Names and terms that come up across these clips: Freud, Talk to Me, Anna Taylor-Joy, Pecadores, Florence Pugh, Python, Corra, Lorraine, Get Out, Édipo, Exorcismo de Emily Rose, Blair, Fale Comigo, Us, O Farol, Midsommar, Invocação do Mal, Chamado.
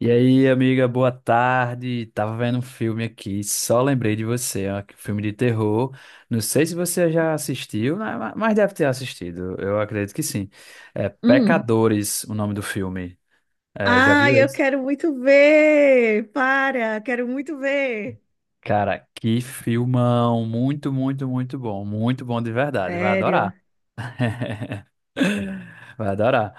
E aí, amiga, boa tarde. Tava vendo um filme aqui, só lembrei de você, ó, que filme de terror. Não sei se você já assistiu, né, mas deve ter assistido. Eu acredito que sim. É Hum. Pecadores, o nome do filme. É, já viu Ai, eu esse? quero muito ver! Para, quero muito ver! Cara, que filmão, muito, muito, muito bom de verdade. Vai Sério, adorar. Vai adorar.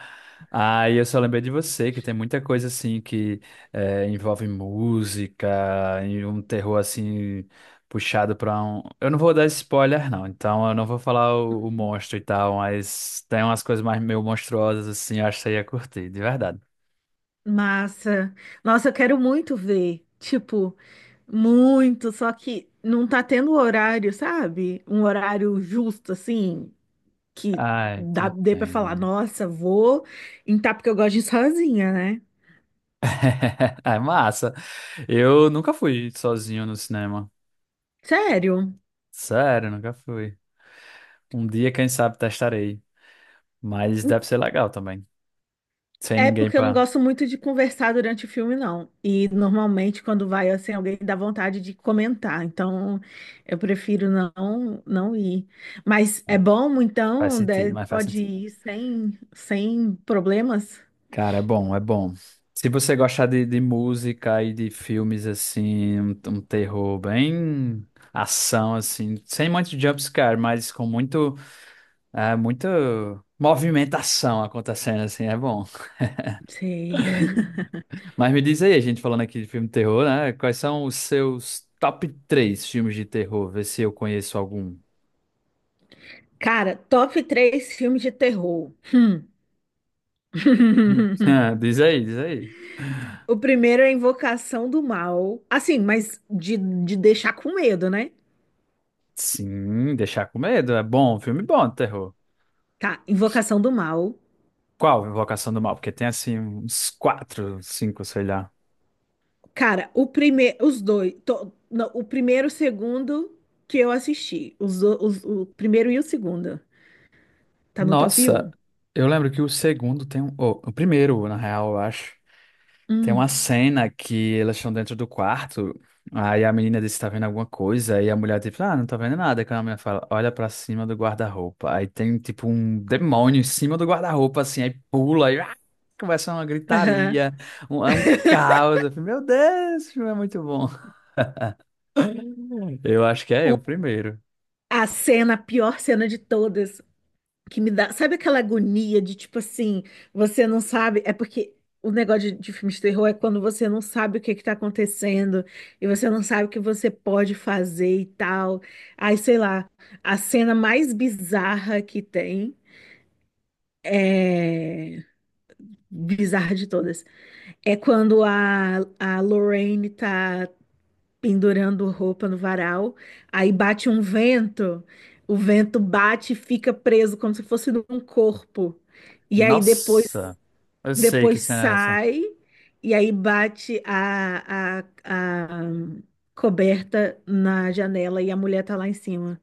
Aí eu só lembrei de você, que tem muita coisa assim que envolve música e um terror assim puxado pra um. Eu não vou dar spoiler, não, então eu não vou falar o monstro e tal, mas tem umas coisas mais meio monstruosas assim, eu acho que você ia curtir, de verdade. massa. Nossa, eu quero muito ver. Tipo, muito, só que não tá tendo horário, sabe? Um horário justo, assim, que Ai, te dá, dê pra falar, entendo. nossa, vou entrar porque eu gosto de ir sozinha, né? É massa. Eu nunca fui sozinho no cinema. Sério. Sério, nunca fui. Um dia, quem sabe, testarei. Mas deve ser legal também. Sem É ninguém porque eu não pra. gosto muito de conversar durante o filme, não. E normalmente quando vai assim, alguém dá vontade de comentar. Então eu prefiro não ir. Mas é bom, Faz então, sentido, mas faz pode sentido. ir sem problemas. Cara, é bom, é bom. Se você gostar de música e de filmes assim, um terror bem ação assim, sem muito jumpscare, mas com muito, muito movimentação acontecendo assim, é bom. Sei. Mas me diz aí, a gente falando aqui de filme de terror, né? Quais são os seus top três filmes de terror? Vê se eu conheço algum. Cara, top três filmes de terror. Hum. Ah, diz aí, diz aí. O primeiro é Invocação do Mal. Assim, mas de deixar com medo, né? Sim, deixar com medo, é bom, filme bom de terror. Tá, Invocação do Mal. Qual Invocação do Mal? Porque tem assim uns quatro, cinco, sei lá. Cara, o primeiro, os dois, não, o primeiro e o segundo que eu assisti, o primeiro e o segundo, tá no top Nossa, um. eu lembro que o segundo tem um. Oh, o primeiro, na real, eu acho. Tem uma Hum, cena que elas estão dentro do quarto. Aí a menina disse: tá vendo alguma coisa? E a mulher, tipo, ah, não tá vendo nada. Aí a menina fala: olha pra cima do guarda-roupa. Aí tem, tipo, um demônio em cima do guarda-roupa, assim. Aí pula, e ah, começa uma aham. gritaria, um, é um caos. Eu falei, Meu Deus, esse filme é muito bom. Eu acho que é O- o primeiro. a cena, a pior cena de todas, que me dá, sabe aquela agonia de tipo assim, você não sabe, é porque o negócio de filme de terror é quando você não sabe o que é que tá acontecendo e você não sabe o que você pode fazer e tal. Aí, sei lá, a cena mais bizarra que tem é bizarra de todas. É quando a Lorraine tá pendurando roupa no varal, aí bate um vento, o vento bate e fica preso como se fosse num corpo. E aí depois, Nossa, eu sei que depois cena é essa. sai, e aí bate a coberta na janela e a mulher tá lá em cima.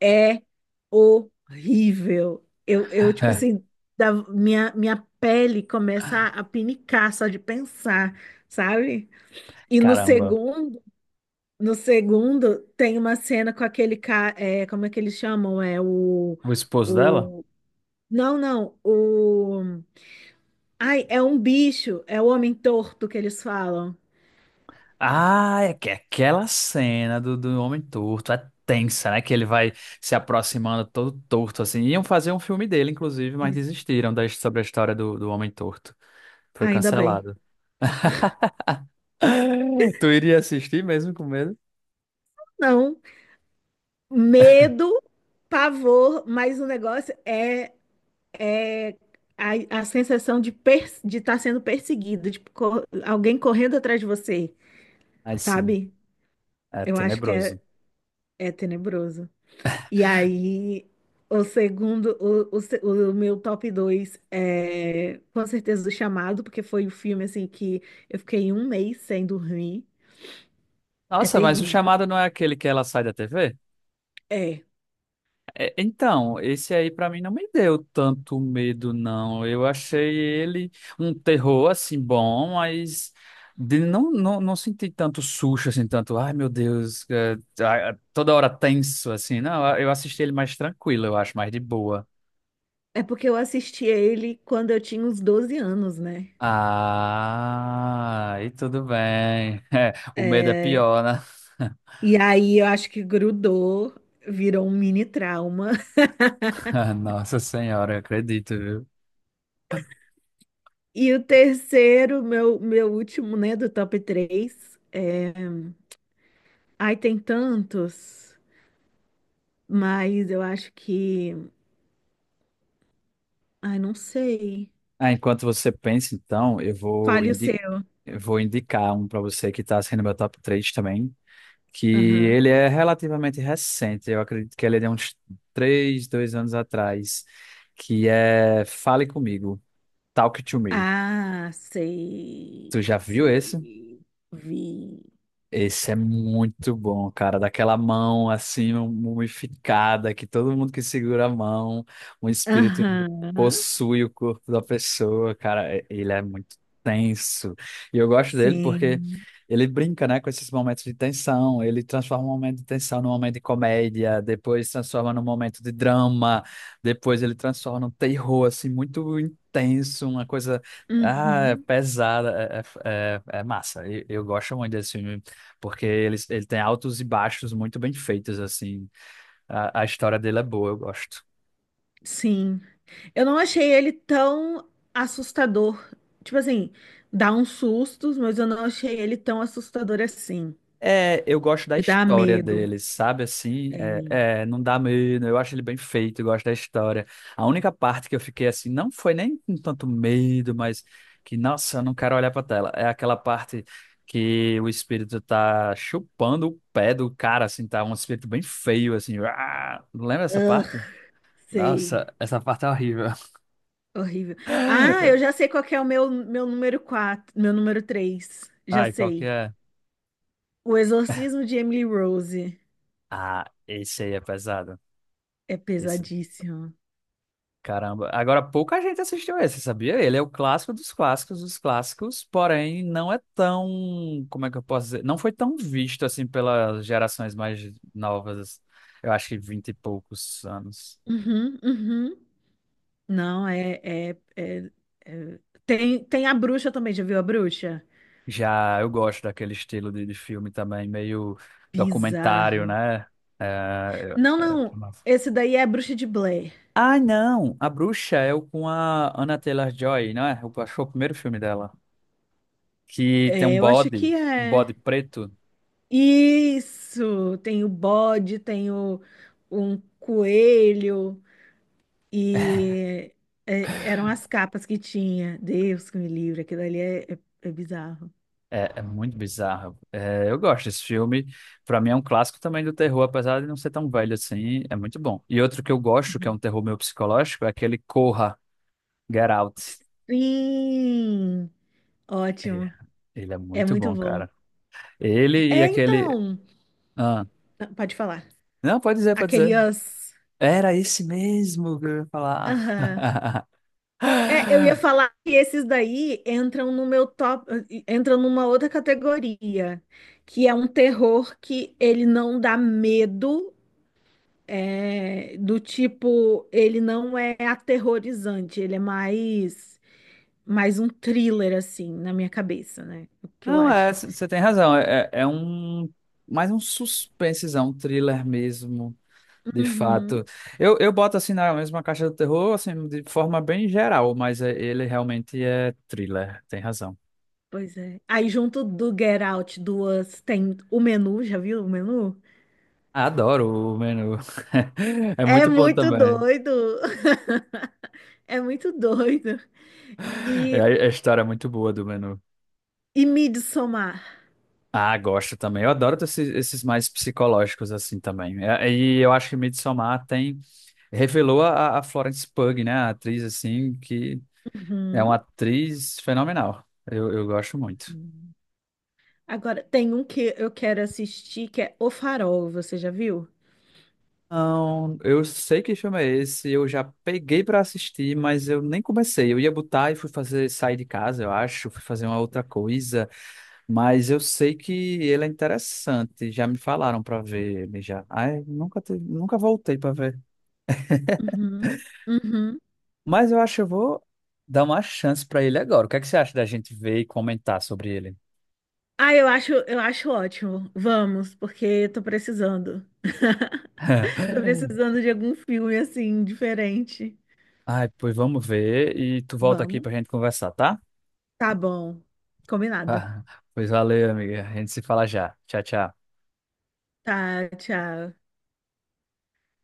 É horrível. Eu tipo assim, minha pele começa a pinicar só de pensar, sabe? E no Caramba, segundo, no segundo tem uma cena com aquele cara, como é que eles chamam? É o, o esposo dela? o, não, não, ai, é um bicho, é o homem torto que eles falam. Ah, é que é aquela cena do homem torto é tensa, né? Que ele vai se aproximando todo torto, assim. Iam fazer um filme dele, inclusive, mas Isso. desistiram da, sobre a história do homem torto. Foi Ainda bem. cancelado. Tu iria assistir mesmo com medo? Não, medo, pavor, mas o negócio é a sensação de de estar sendo perseguido, alguém correndo atrás de você, Ai, sim, sabe? é Eu acho que é, tenebroso. é tenebroso. E aí, o segundo, o, se- o meu top 2 é com certeza o Chamado, porque foi o filme assim que eu fiquei um mês sem dormir. É Nossa, mas o terrível. chamado não é aquele que ela sai da TV? É. É, então, esse aí pra mim não me deu tanto medo, não. Eu achei ele um terror, assim, bom, mas de- não, não, não senti tanto susto, assim, tanto, ai meu Deus, é, ah, toda hora tenso, assim. Não, eu assisti ele mais tranquilo, eu acho, mais de boa. É porque eu assisti ele quando eu tinha uns 12 anos, né? Ah, e tudo bem. É, o medo é É, pior, né? e aí eu acho que grudou, virou um mini trauma. Nossa Senhora, eu acredito, viu? E o terceiro, meu último, né, do top 3 é... Ai, tem tantos, mas eu acho que... Ai, não sei. Ah, enquanto você pensa, então, Fale o seu. eu vou indicar um para você que está sendo meu top 3 também, que Aham. ele é relativamente recente, eu acredito que ele é de uns 3, 2 anos atrás, que é Fale Comigo, Talk to Me. Ah, sei, Tu já viu esse? sei, vi. Esse é muito bom, cara. Daquela mão assim, mumificada, que todo mundo que segura a mão, o espírito Aham, possui o corpo da pessoa, cara. Ele é muito tenso. E eu gosto dele porque sim. ele brinca, né, com esses momentos de tensão. Ele transforma um momento de tensão num momento de comédia, depois transforma num momento de drama, depois ele transforma num terror, assim, muito intenso, uma coisa. Ah, é Uhum, pesada, é massa. Eu gosto muito desse filme porque ele tem altos e baixos muito bem feitos, assim. A história dele é boa, eu gosto. sim. Eu não achei ele tão assustador. Tipo assim, dá uns sustos, mas eu não achei ele tão assustador assim. É, eu gosto da De dar história medo. dele, sabe? Assim, É. É, não dá medo, eu acho ele bem feito, eu gosto da história. A única parte que eu fiquei assim, não foi nem com tanto medo, mas que, nossa, eu não quero olhar pra tela. É aquela parte que o espírito tá chupando o pé do cara, assim, tá um espírito bem feio, assim. Ah, lembra essa Ah, parte? sei. Nossa, essa parte é horrível. Horrível. Ah, eu já sei qual que é o meu, meu número 3. Já Ai, qual que sei. é? O Exorcismo de Emily Rose Ah, esse aí é pesado. é Esse, pesadíssimo. caramba. Agora, pouca gente assistiu esse, sabia? Ele é o clássico dos clássicos, porém não é tão, como é que eu posso dizer? Não foi tão visto assim pelas gerações mais novas. Eu acho que vinte e poucos anos. Uhum, uhum. Não, é- é- tem a bruxa também, já viu a bruxa? Já eu gosto daquele estilo de filme também, meio documentário, Bizarro. né? É, Não, é- não. Esse daí é a bruxa de Blair. Ah, não! A Bruxa é o com a Anna Taylor-Joy, não é? Eu acho que foi o primeiro filme dela. Que tem É, eu acho que um é. bode preto. Isso! Tem o bode, tem um coelho. E eram as capas que tinha. Deus que me livre, aquilo ali é bizarro. É, é muito bizarro. É, eu gosto desse filme. Pra mim é um clássico também do terror, apesar de não ser tão velho assim. É muito bom. E outro que eu gosto, que é Uhum. um terror meio psicológico, é aquele Corra, Get Out. Sim, É, ótimo. ele é É muito muito bom, bom. cara. Ele e É, aquele. então, Ah, não, pode falar. não, pode dizer, pode dizer. Aqueles. Era esse mesmo que eu ia falar. Aham. É, eu ia falar que esses daí entram no meu top, entram numa outra categoria, que é um terror que ele não dá medo, do tipo, ele não é aterrorizante, ele é mais um thriller, assim, na minha cabeça, né? O que eu Não, é, acho. você tem razão. É um. Mais um suspensezão, um thriller mesmo. De fato. Uhum, Eu boto assim na mesma caixa do terror, assim, de forma bem geral, mas é- ele realmente é thriller, tem razão. pois é. Aí, junto do Get Out, do Us, tem o menu, já viu o menu? Adoro o menu. É É muito bom muito também. doido! É muito doido. É, E, a história é muito boa do menu. e Midsommar. Ah, gosto também. Eu adoro esses mais psicológicos assim também. É, e eu acho que Midsommar tem revelou a Florence Pugh, né, a atriz assim que é uma Uhum. atriz fenomenal. Eu gosto muito. Agora, tem um que eu quero assistir, que é O Farol, você já viu? Não, eu sei que filme é esse, eu já peguei pra assistir, mas eu nem comecei. Eu ia botar e fui fazer sair de casa, eu acho, fui fazer uma outra coisa, mas eu sei que ele é interessante, já me falaram pra ver ele já. Ai, nunca voltei pra ver. Uhum. Uhum. Mas eu acho que eu vou dar uma chance pra ele agora. O que é que você acha da gente ver e comentar sobre ele? Ah, eu acho ótimo. Vamos, porque tô precisando. Tô precisando de algum filme assim, diferente. Ai, pois vamos ver e tu volta aqui Vamos. pra gente conversar, tá? Tá bom. Combinado. Ah, pois valeu, amiga. A gente se fala já. Tchau, tchau. Tá, tchau.